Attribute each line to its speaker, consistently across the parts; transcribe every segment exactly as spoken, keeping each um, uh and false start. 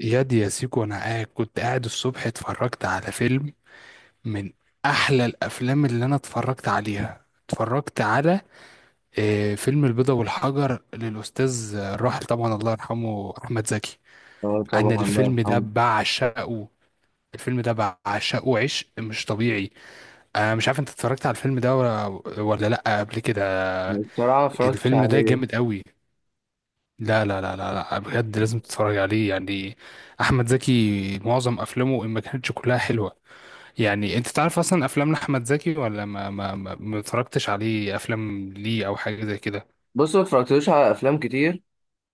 Speaker 1: ياد يا سيكو، انا قاعد كنت قاعد الصبح اتفرجت على فيلم من احلى الافلام اللي انا اتفرجت عليها، اتفرجت على آه، فيلم البيضة والحجر للاستاذ آه، الراحل طبعا الله يرحمه احمد زكي.
Speaker 2: اه
Speaker 1: انا
Speaker 2: طبعا الله
Speaker 1: الفيلم ده
Speaker 2: يرحمه.
Speaker 1: بعشقه. الفيلم ده بعشقه عشق مش طبيعي. انا مش عارف، انت اتفرجت على الفيلم ده ولا ولا لا قبل كده؟
Speaker 2: بصراحة ما اتفرجتش
Speaker 1: الفيلم ده
Speaker 2: عليه.
Speaker 1: جامد قوي، لا لا لا لا لا، بجد لازم تتفرج عليه يعني. احمد زكي معظم افلامه ان ما كانتش كلها حلوة. يعني انت تعرف اصلا افلام احمد زكي ولا ما ما ما ما اتفرجتش عليه افلام ليه او حاجه زي كده؟
Speaker 2: بص ما اتفرجتلوش على أفلام كتير.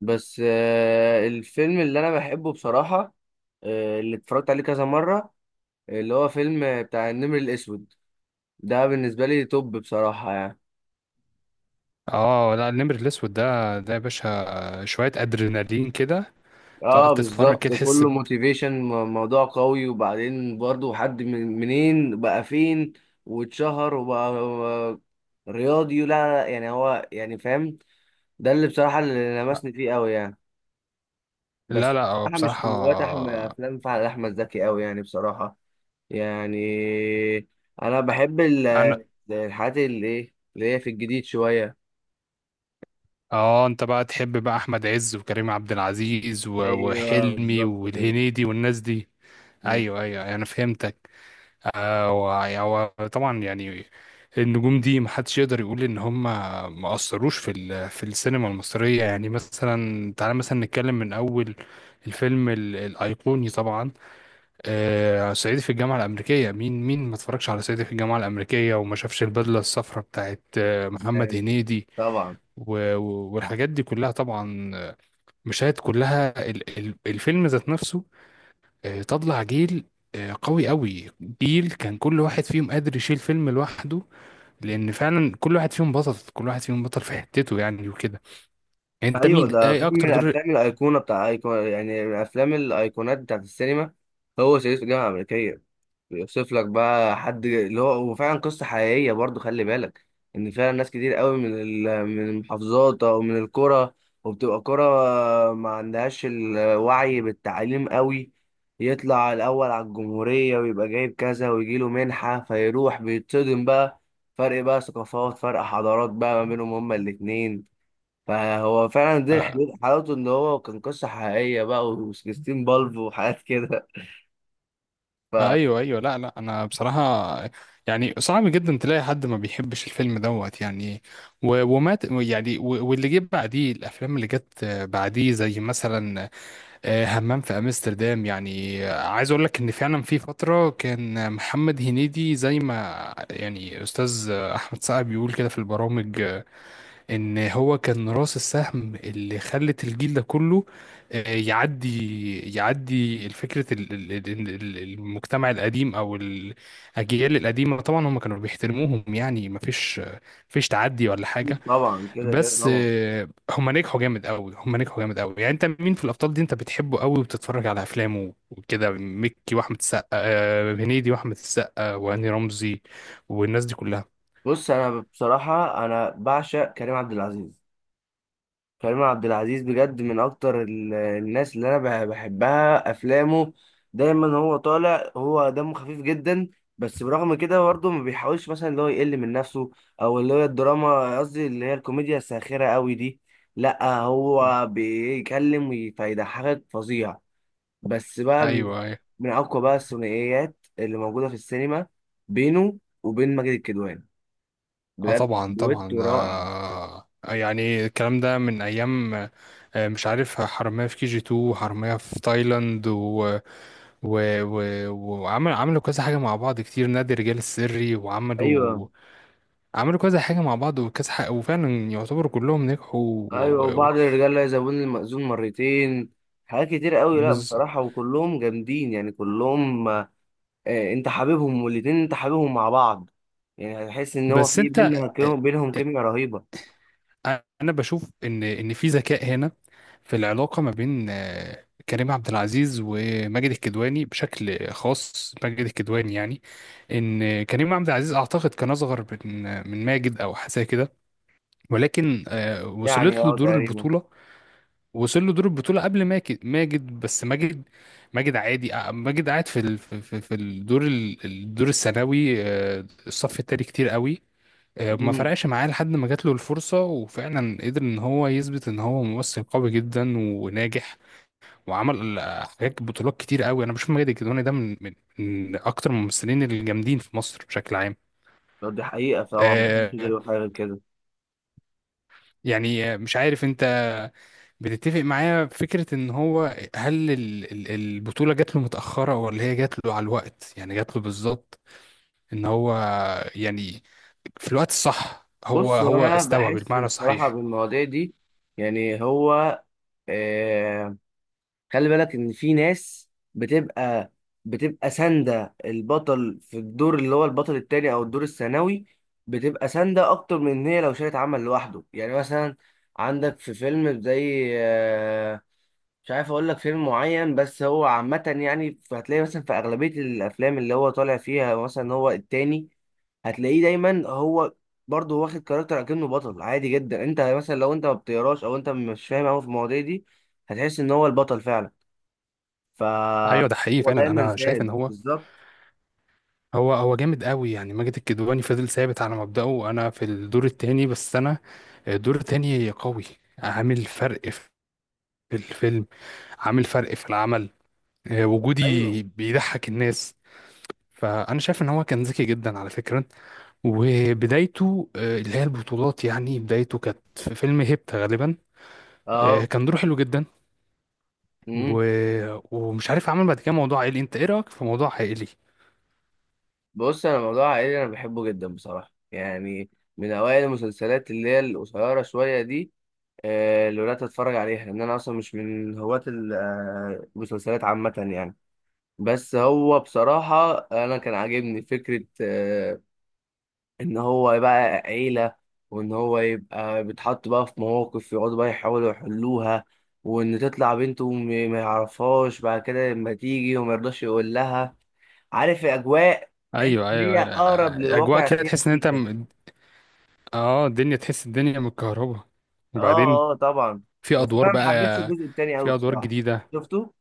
Speaker 2: بس آه، الفيلم اللي أنا بحبه بصراحة. آه، اللي اتفرجت عليه كذا مرة، اللي هو فيلم آه، بتاع النمر الأسود. ده بالنسبة لي توب بصراحة يعني.
Speaker 1: اه لا، النمر الاسود ده ده يا باشا شويه ادرينالين كده، تقعد
Speaker 2: اه
Speaker 1: تتفرج كده
Speaker 2: بالظبط،
Speaker 1: تحس
Speaker 2: كله
Speaker 1: ب...
Speaker 2: موتيفيشن، موضوع قوي. وبعدين برضه حد من منين بقى فين واتشهر وبقى آه، رياضي. لا لا لا، يعني هو يعني فاهم. ده اللي بصراحة اللي لمسني فيه قوي يعني.
Speaker 1: لا
Speaker 2: بس
Speaker 1: لا، هو
Speaker 2: بصراحة مش
Speaker 1: بصراحه،
Speaker 2: من هواة أحمد، أفلام فعلا أحمد زكي أوي يعني بصراحة. يعني أنا بحب ال-
Speaker 1: انا
Speaker 2: الحاجات اللي إيه اللي هي في الجديد شوية.
Speaker 1: اه، انت بقى تحب بقى احمد عز وكريم عبد العزيز و...
Speaker 2: أيوه
Speaker 1: وحلمي
Speaker 2: بالظبط كده.
Speaker 1: والهنيدي والناس دي. ايوه،
Speaker 2: بالظبط.
Speaker 1: ايوه، أيوه، انا فهمتك. آه، وع- هو طبعا يعني النجوم دي محدش يقدر يقول ان هم ما اثروش في ال- في السينما المصريه. يعني مثلا تعالى مثلا نتكلم من اول الفيلم ال- الايقوني طبعا. آه، صعيدي في الجامعه الامريكيه، مين مين ما اتفرجش على صعيدي في الجامعه الامريكيه وما شافش البدله الصفراء بتاعت آه، محمد هنيدي
Speaker 2: طبعا.
Speaker 1: و- و- والحاجات دي كلها؟ طبعا آه، مشاهد كلها ال- ال- الفيلم ذات نفسه. آه، طلع جيل آه، قوي قوي. جيل كان كل واحد فيهم قادر يشيل فيلم لوحده، لان فعلا كل واحد فيهم بطل، كل واحد فيهم بطل في حتته يعني وكده. انت
Speaker 2: أيوه،
Speaker 1: مين
Speaker 2: ده
Speaker 1: ايه
Speaker 2: فيلم من
Speaker 1: اكتر دور
Speaker 2: الأفلام الأيقونة بتاع أيقونة، يعني من أفلام الأيقونات بتاعت السينما. هو صعيدي في الجامعة الأمريكية. بيوصف لك بقى حد اللي هو، وفعلا قصة حقيقية برضو، خلي بالك ان فعلا ناس كتير قوي من ال- من المحافظات او من القرى، وبتبقى قرى ما عندهاش الوعي بالتعليم قوي. يطلع الاول على الجمهورية ويبقى جايب كذا ويجي له منحة، فيروح بيتصدم بقى. فرق بقى ثقافات، فرق حضارات بقى ما بينهم هما الاتنين. فهو فعلا دي
Speaker 1: آه
Speaker 2: حلو- حلاوته ان هو كان قصة حقيقية بقى، و16 بالف وحاجات كده.
Speaker 1: آه،
Speaker 2: فأكيد.
Speaker 1: ايوه ايوه، لا لا، انا بصراحه يعني صعب جدا تلاقي حد ما بيحبش الفيلم دوت يعني، و- ومات يعني، و- واللي جه بعديه الافلام اللي جت آه، بعديه، زي مثلا آه، همام في امستردام. يعني آه، عايز اقول لك ان فعلا في فتره كان محمد هنيدي زي ما يعني استاذ آه، احمد سعد بيقول كده في البرامج، آه، ان هو كان راس السهم اللي خلت الجيل ده كله آه، يعدي يعدي الفكره، ال- ال- ال- ال- المجتمع القديم او الاجيال القديمه. طبعا هم كانوا بيحترموهم يعني ما فيش فيش تعدي ولا حاجه.
Speaker 2: طبعا كده كده
Speaker 1: بس
Speaker 2: طبعا.
Speaker 1: آه، هما نجحوا جامد قوي، هما نجحوا جامد قوي. يعني انت مين في الابطال دي انت بتحبه قوي وبتتفرج على افلامه وكده، مكي واحمد السقا آه، هنيدي واحمد السقا وهاني رمزي والناس دي كلها؟
Speaker 2: بص انا بصراحه انا بعشق كريم عبد العزيز. كريم عبد العزيز بجد من اكتر ال- الناس اللي انا بح- بحبها افلامه. دايما هو طالع، هو دمه خفيف جدا. بس برغم كده برضه ما بيحاولش مثلا اللي هو يقل من نفسه، او اللي هي الدراما، قصدي اللي هي الكوميديا الساخره قوي دي. لا، هو بيتكلم وي- فيضحكك فظيع. بس بقى من
Speaker 1: ايوه ايوه،
Speaker 2: من اقوى بقى الثنائيات اللي موجوده في السينما، بينه وبين ماجد الكدواني.
Speaker 1: اه
Speaker 2: بجد
Speaker 1: طبعا طبعا،
Speaker 2: دويتو
Speaker 1: ده
Speaker 2: رائع.
Speaker 1: آه، يعني الكلام ده من ايام آه، مش عارف، حرامية في كي جي اتنين وحرامية في تايلاند و... و... و... وعمل عملوا كذا حاجة مع بعض كتير، نادي الرجال السري، وعملوا
Speaker 2: ايوه
Speaker 1: عملوا كذا حاجة مع بعض وكذا حاجة، وفعلا يعتبروا كلهم نجحوا و...
Speaker 2: ايوه،
Speaker 1: و... و...
Speaker 2: وبعض الرجال لا يزوون المأذون مرتين. حاجات كتير قوي، لا
Speaker 1: بس...
Speaker 2: بصراحة وكلهم جامدين يعني كلهم. آه، انت حبيبهم، والاتنين انت حبيبهم مع بعض. يعني هتحس ان هو
Speaker 1: بس
Speaker 2: في
Speaker 1: انت اه،
Speaker 2: بينهم بينهم كيميا رهيبة.
Speaker 1: اه، انا بشوف ان ان في ذكاء هنا، في العلاقة ما بين اه، كريم عبد العزيز وماجد الكدواني، بشكل خاص ماجد الكدواني يعني، ان كريم عبد العزيز اعتقد كان اصغر من من ماجد او حاجة زي كده، ولكن اه،
Speaker 2: يعني
Speaker 1: وصلت له
Speaker 2: اه
Speaker 1: دور
Speaker 2: تقريبا.
Speaker 1: البطولة. وصل له دور البطولة قبل ماجد ماجد، بس ماجد ماجد عادي. آه، ماجد قاعد في ال... في في- في الدور ال- الدور الثانوي، آه، الصف التاني، كتير قوي. آه، ما
Speaker 2: امم.
Speaker 1: فرقش معاه لحد ما جات له الفرصة وفعلا قدر ان هو يثبت ان هو ممثل قوي جدا وناجح، وعمل آه، حاجات بطولات كتير قوي. انا بشوف ماجد الكدواني ده من من من اكتر الممثلين الجامدين في مصر بشكل عام.
Speaker 2: طب دي حقيقة طبعا، محدش يقدر
Speaker 1: آه،
Speaker 2: يقول حاجة غير كده.
Speaker 1: يعني آه، مش عارف انت بتتفق معايا في فكرة ان هو، هل ال- ال- البطولة جات له متأخرة ولا هي جات له على الوقت، يعني جات له بالظبط، ان هو يعني في الوقت الصح هو
Speaker 2: بص، هو
Speaker 1: هو
Speaker 2: انا
Speaker 1: استوى
Speaker 2: بحس
Speaker 1: بالمعنى
Speaker 2: بصراحة
Speaker 1: الصحيح؟
Speaker 2: بالمواضيع دي. يعني هو آه، خلي بالك ان في ناس بتبقى بتبقى ساندة البطل، في الدور اللي هو البطل التاني او الدور الثانوي. بتبقى ساندة اكتر من ان هي لو شالت عمل لوحده. يعني مثلا، عندك في فيلم زي آه، مش عارف اقول لك فيلم معين، بس هو عامة يعني هتلاقي مثلا في اغلبية الافلام اللي هو طالع فيها، مثلا هو التاني. هتلاقيه دايما هو برضه واخد كاركتر اكنه بطل عادي جدا. انت مثلا لو انت ما بتقراش او انت مش فاهم قوي في المواضيع دي، هتحس ان هو البطل فعلا.
Speaker 1: ايوه ده حقيقي
Speaker 2: فهو
Speaker 1: فعلا.
Speaker 2: دايما
Speaker 1: انا شايف ان
Speaker 2: ساند
Speaker 1: هو
Speaker 2: بالظبط.
Speaker 1: هو هو جامد قوي يعني. ماجد الكدواني فضل ثابت على مبدأه: انا في الدور التاني، بس انا الدور التاني قوي، عامل فرق في الفيلم، عامل فرق في العمل. آه،
Speaker 2: ايوه.
Speaker 1: وجودي بيضحك الناس. فانا شايف ان هو كان ذكي جدا على فكرة، وبدايته آه، اللي هي البطولات، يعني بدايته كانت في فيلم هيبتا غالبا. آه،
Speaker 2: اه.
Speaker 1: كان دوره حلو جدا و...
Speaker 2: امم.
Speaker 1: ومش عارف، عمل بعد كده موضوع عائلي. انت ايه رايك في موضوع عائلي؟
Speaker 2: بص انا موضوع عائلي انا بحبه جدا بصراحه يعني. من اوائل المسلسلات اللي هي القصيره شويه دي، آه، اللي بدات اتفرج عليها، لان انا اصلا مش من هواة ال- آه، المسلسلات عامه يعني. بس هو بصراحه انا كان عاجبني فكره آه، ان هو يبقى عيلة، وان هو يبقى بيتحط بقى في مواقف يقعدوا بقى يحاولوا يحلوها، وان تطلع بنته م- ما يعرفهاش بعد كده لما تيجي وما يرضاش يقول لها. عارف الاجواء. تحس
Speaker 1: ايوه
Speaker 2: ان
Speaker 1: ايوه،
Speaker 2: هي اقرب
Speaker 1: أيوة. اجواء
Speaker 2: للواقع،
Speaker 1: كده
Speaker 2: فيها
Speaker 1: تحس ان انت
Speaker 2: سيكا.
Speaker 1: م- اه، الدنيا، تحس الدنيا متكهربة.
Speaker 2: اه
Speaker 1: وبعدين
Speaker 2: اه طبعا.
Speaker 1: في
Speaker 2: بس
Speaker 1: ادوار
Speaker 2: انا ما
Speaker 1: بقى
Speaker 2: حبيتش الجزء التاني قوي
Speaker 1: في ادوار
Speaker 2: بصراحة.
Speaker 1: جديده.
Speaker 2: شفته؟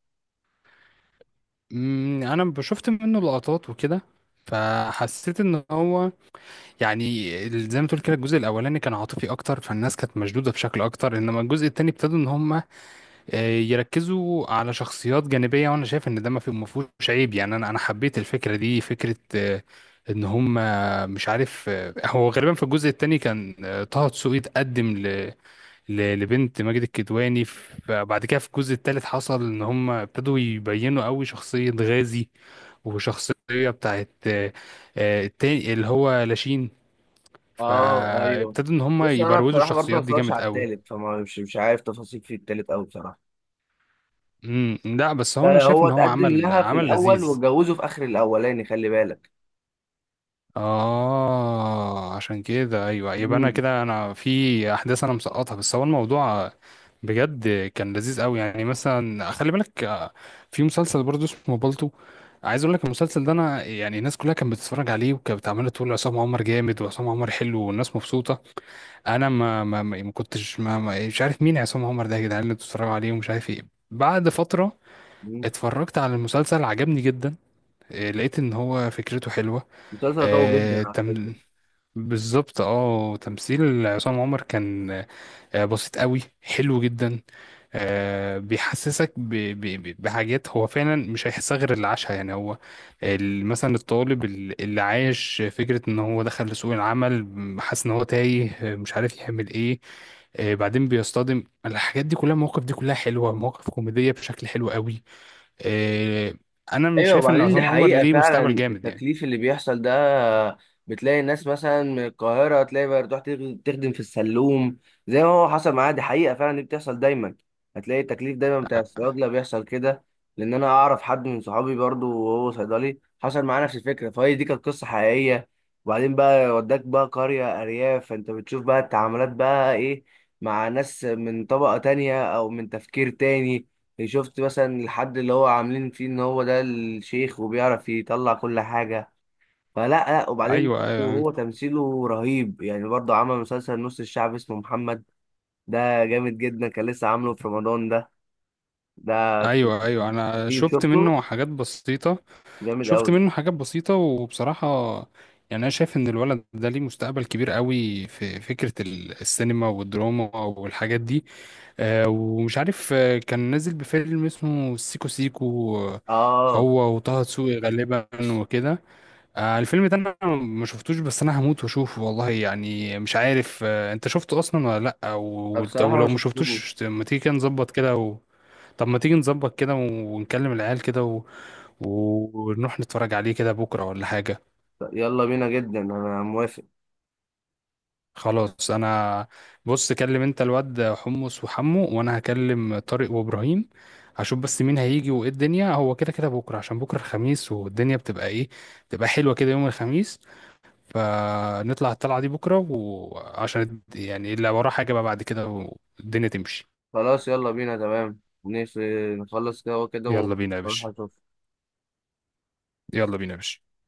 Speaker 1: أمم، انا شفت منه لقطات وكده، فحسيت ان هو يعني زي ما تقول كده، الجزء الاولاني كان عاطفي اكتر، فالناس كانت مشدوده بشكل اكتر، انما الجزء التاني ابتدوا ان هم آه، يركزوا على شخصيات جانبية، وانا شايف ان ده ما في- ما فيهوش عيب يعني. انا انا حبيت الفكرة دي، فكرة آه، ان هم، آه، مش عارف آه، هو غالبا في الجزء التاني كان آه، طه دسوقي اتقدم ل- ل- لبنت ماجد الكدواني، فبعد كده في الجزء التالت حصل ان هم ابتدوا يبينوا قوي شخصية غازي وشخصية بتاعت آه، آه، التاني اللي هو لاشين.
Speaker 2: اه ايوه.
Speaker 1: فابتدوا ان هم
Speaker 2: بص انا
Speaker 1: يبروزوا
Speaker 2: بصراحة برضه ما
Speaker 1: الشخصيات دي
Speaker 2: اتفرجش
Speaker 1: جامد
Speaker 2: على
Speaker 1: قوي.
Speaker 2: التالت، فما مش مش عارف تفاصيل في التالت قوي بصراحة.
Speaker 1: امم لا، بس هو انا
Speaker 2: ده
Speaker 1: شايف
Speaker 2: هو
Speaker 1: ان هو
Speaker 2: اتقدم
Speaker 1: عمل
Speaker 2: لها في
Speaker 1: عمل
Speaker 2: الاول
Speaker 1: لذيذ.
Speaker 2: واتجوزه في اخر الاولاني، خلي بالك.
Speaker 1: اه، عشان كده ايوه، يبقى انا
Speaker 2: مم.
Speaker 1: كده انا في احداث انا مسقطها، بس هو الموضوع بجد كان لذيذ قوي. يعني مثلا خلي بالك آه، في مسلسل برضه اسمه بالطو، عايز اقول لك المسلسل ده. انا يعني الناس كلها كانت بتتفرج عليه وكانت عماله تقول عصام عمر جامد وعصام عمر حلو والناس مبسوطه. انا ما ما ما ما كنتش ما ما- مش عارف مين عصام عمر ده يا جدعان، اللي بتتفرجوا عليه ومش عارف ايه. بعد فتره
Speaker 2: مم.
Speaker 1: اتفرجت على المسلسل، عجبني جدا. آه، لقيت ان هو فكرته حلوه.
Speaker 2: مسلسل قوي جدا على فكرة.
Speaker 1: بالظبط، اه تمثيل عصام عمر كان آه، بسيط قوي، حلو جدا. آه، بيحسسك ب- ب- ب- بحاجات هو فعلا مش هيحسها غير اللي عاشها يعني. هو ال- مثلا الطالب ال- اللي عايش فكرة ان هو دخل لسوق العمل، م- حاسس ان هو تايه آه، مش عارف يعمل ايه. آه، بعدين بيصطدم، الحاجات دي كلها، المواقف دي كلها حلوة، مواقف كوميدية بشكل حلو قوي. آه، انا مش
Speaker 2: ايوه،
Speaker 1: شايف ان
Speaker 2: وبعدين دي
Speaker 1: عصام عمر
Speaker 2: حقيقة
Speaker 1: ليه مستقبل
Speaker 2: فعلا
Speaker 1: جامد يعني.
Speaker 2: التكليف اللي بيحصل ده. بتلاقي الناس مثلا من القاهرة، تلاقي بقى تروح تخ- تخدم في السلوم، زي ما هو حصل معايا. دي حقيقة فعلا، دي بتحصل دايما. هتلاقي التكليف دايما بتاع الصيادلة بيحصل كده، لأن أنا أعرف حد من صحابي برضو وهو صيدلي حصل معاه نفس الفكرة، فهي دي كانت قصة حقيقية. وبعدين بقى، وداك بقى قرية أرياف، فأنت بتشوف بقى التعاملات بقى إيه مع ناس من طبقة تانية أو من تفكير تاني. شفت مثلا الحد اللي هو عاملين فيه ان هو ده الشيخ وبيعرف يطلع كل حاجة، فلا. لا وبعدين،
Speaker 1: ايوه
Speaker 2: هو تمثيله رهيب يعني. برضه عمل مسلسل نص الشعب اسمه محمد، ده جامد جدا، كان لسه عامله في رمضان ده ده كان
Speaker 1: ايوه ايوه، انا
Speaker 2: رهيب،
Speaker 1: شفت
Speaker 2: شفته؟
Speaker 1: منه حاجات بسيطه.
Speaker 2: جامد
Speaker 1: شفت
Speaker 2: قوي.
Speaker 1: منه حاجات بسيطه وبصراحه يعني انا شايف ان الولد ده ليه مستقبل كبير قوي في فكره ال- السينما والدراما والحاجات دي. آه، ومش عارف آه، كان نازل بفيلم اسمه سيكو سيكو آه،
Speaker 2: اه
Speaker 1: هو وطه دسوقي غالبا وكده. آه، الفيلم ده انا ما شفتوش، بس انا هموت واشوفه والله. يعني مش عارف آه، انت شفته اصلا ولا لا؟
Speaker 2: أنا
Speaker 1: أو-
Speaker 2: بصراحة ما
Speaker 1: ولو ما
Speaker 2: شفتوش.
Speaker 1: شفتوش ما تيجي كده نظبط كده. طب، ما تيجي نظبط كده ونكلم العيال كده و... ونروح نتفرج عليه كده بكرة ولا حاجة.
Speaker 2: يلا بينا جدا انا موافق.
Speaker 1: خلاص، انا، بص، كلم انت الواد حمص وحمو وانا هكلم طارق وابراهيم. هشوف بس مين هيجي وايه الدنيا. هو كده كده بكرة، عشان بكرة الخميس والدنيا بتبقى ايه، بتبقى حلوة كده يوم الخميس. فنطلع الطلعة دي بكرة، وعشان يعني اللي وراه حاجة بقى بعد كده والدنيا تمشي.
Speaker 2: خلاص يلا بينا تمام. نس- نخلص كده وكده
Speaker 1: يلا بينا يا
Speaker 2: ونروح
Speaker 1: باشا،
Speaker 2: أشوف.
Speaker 1: يلا بينا يا باشا.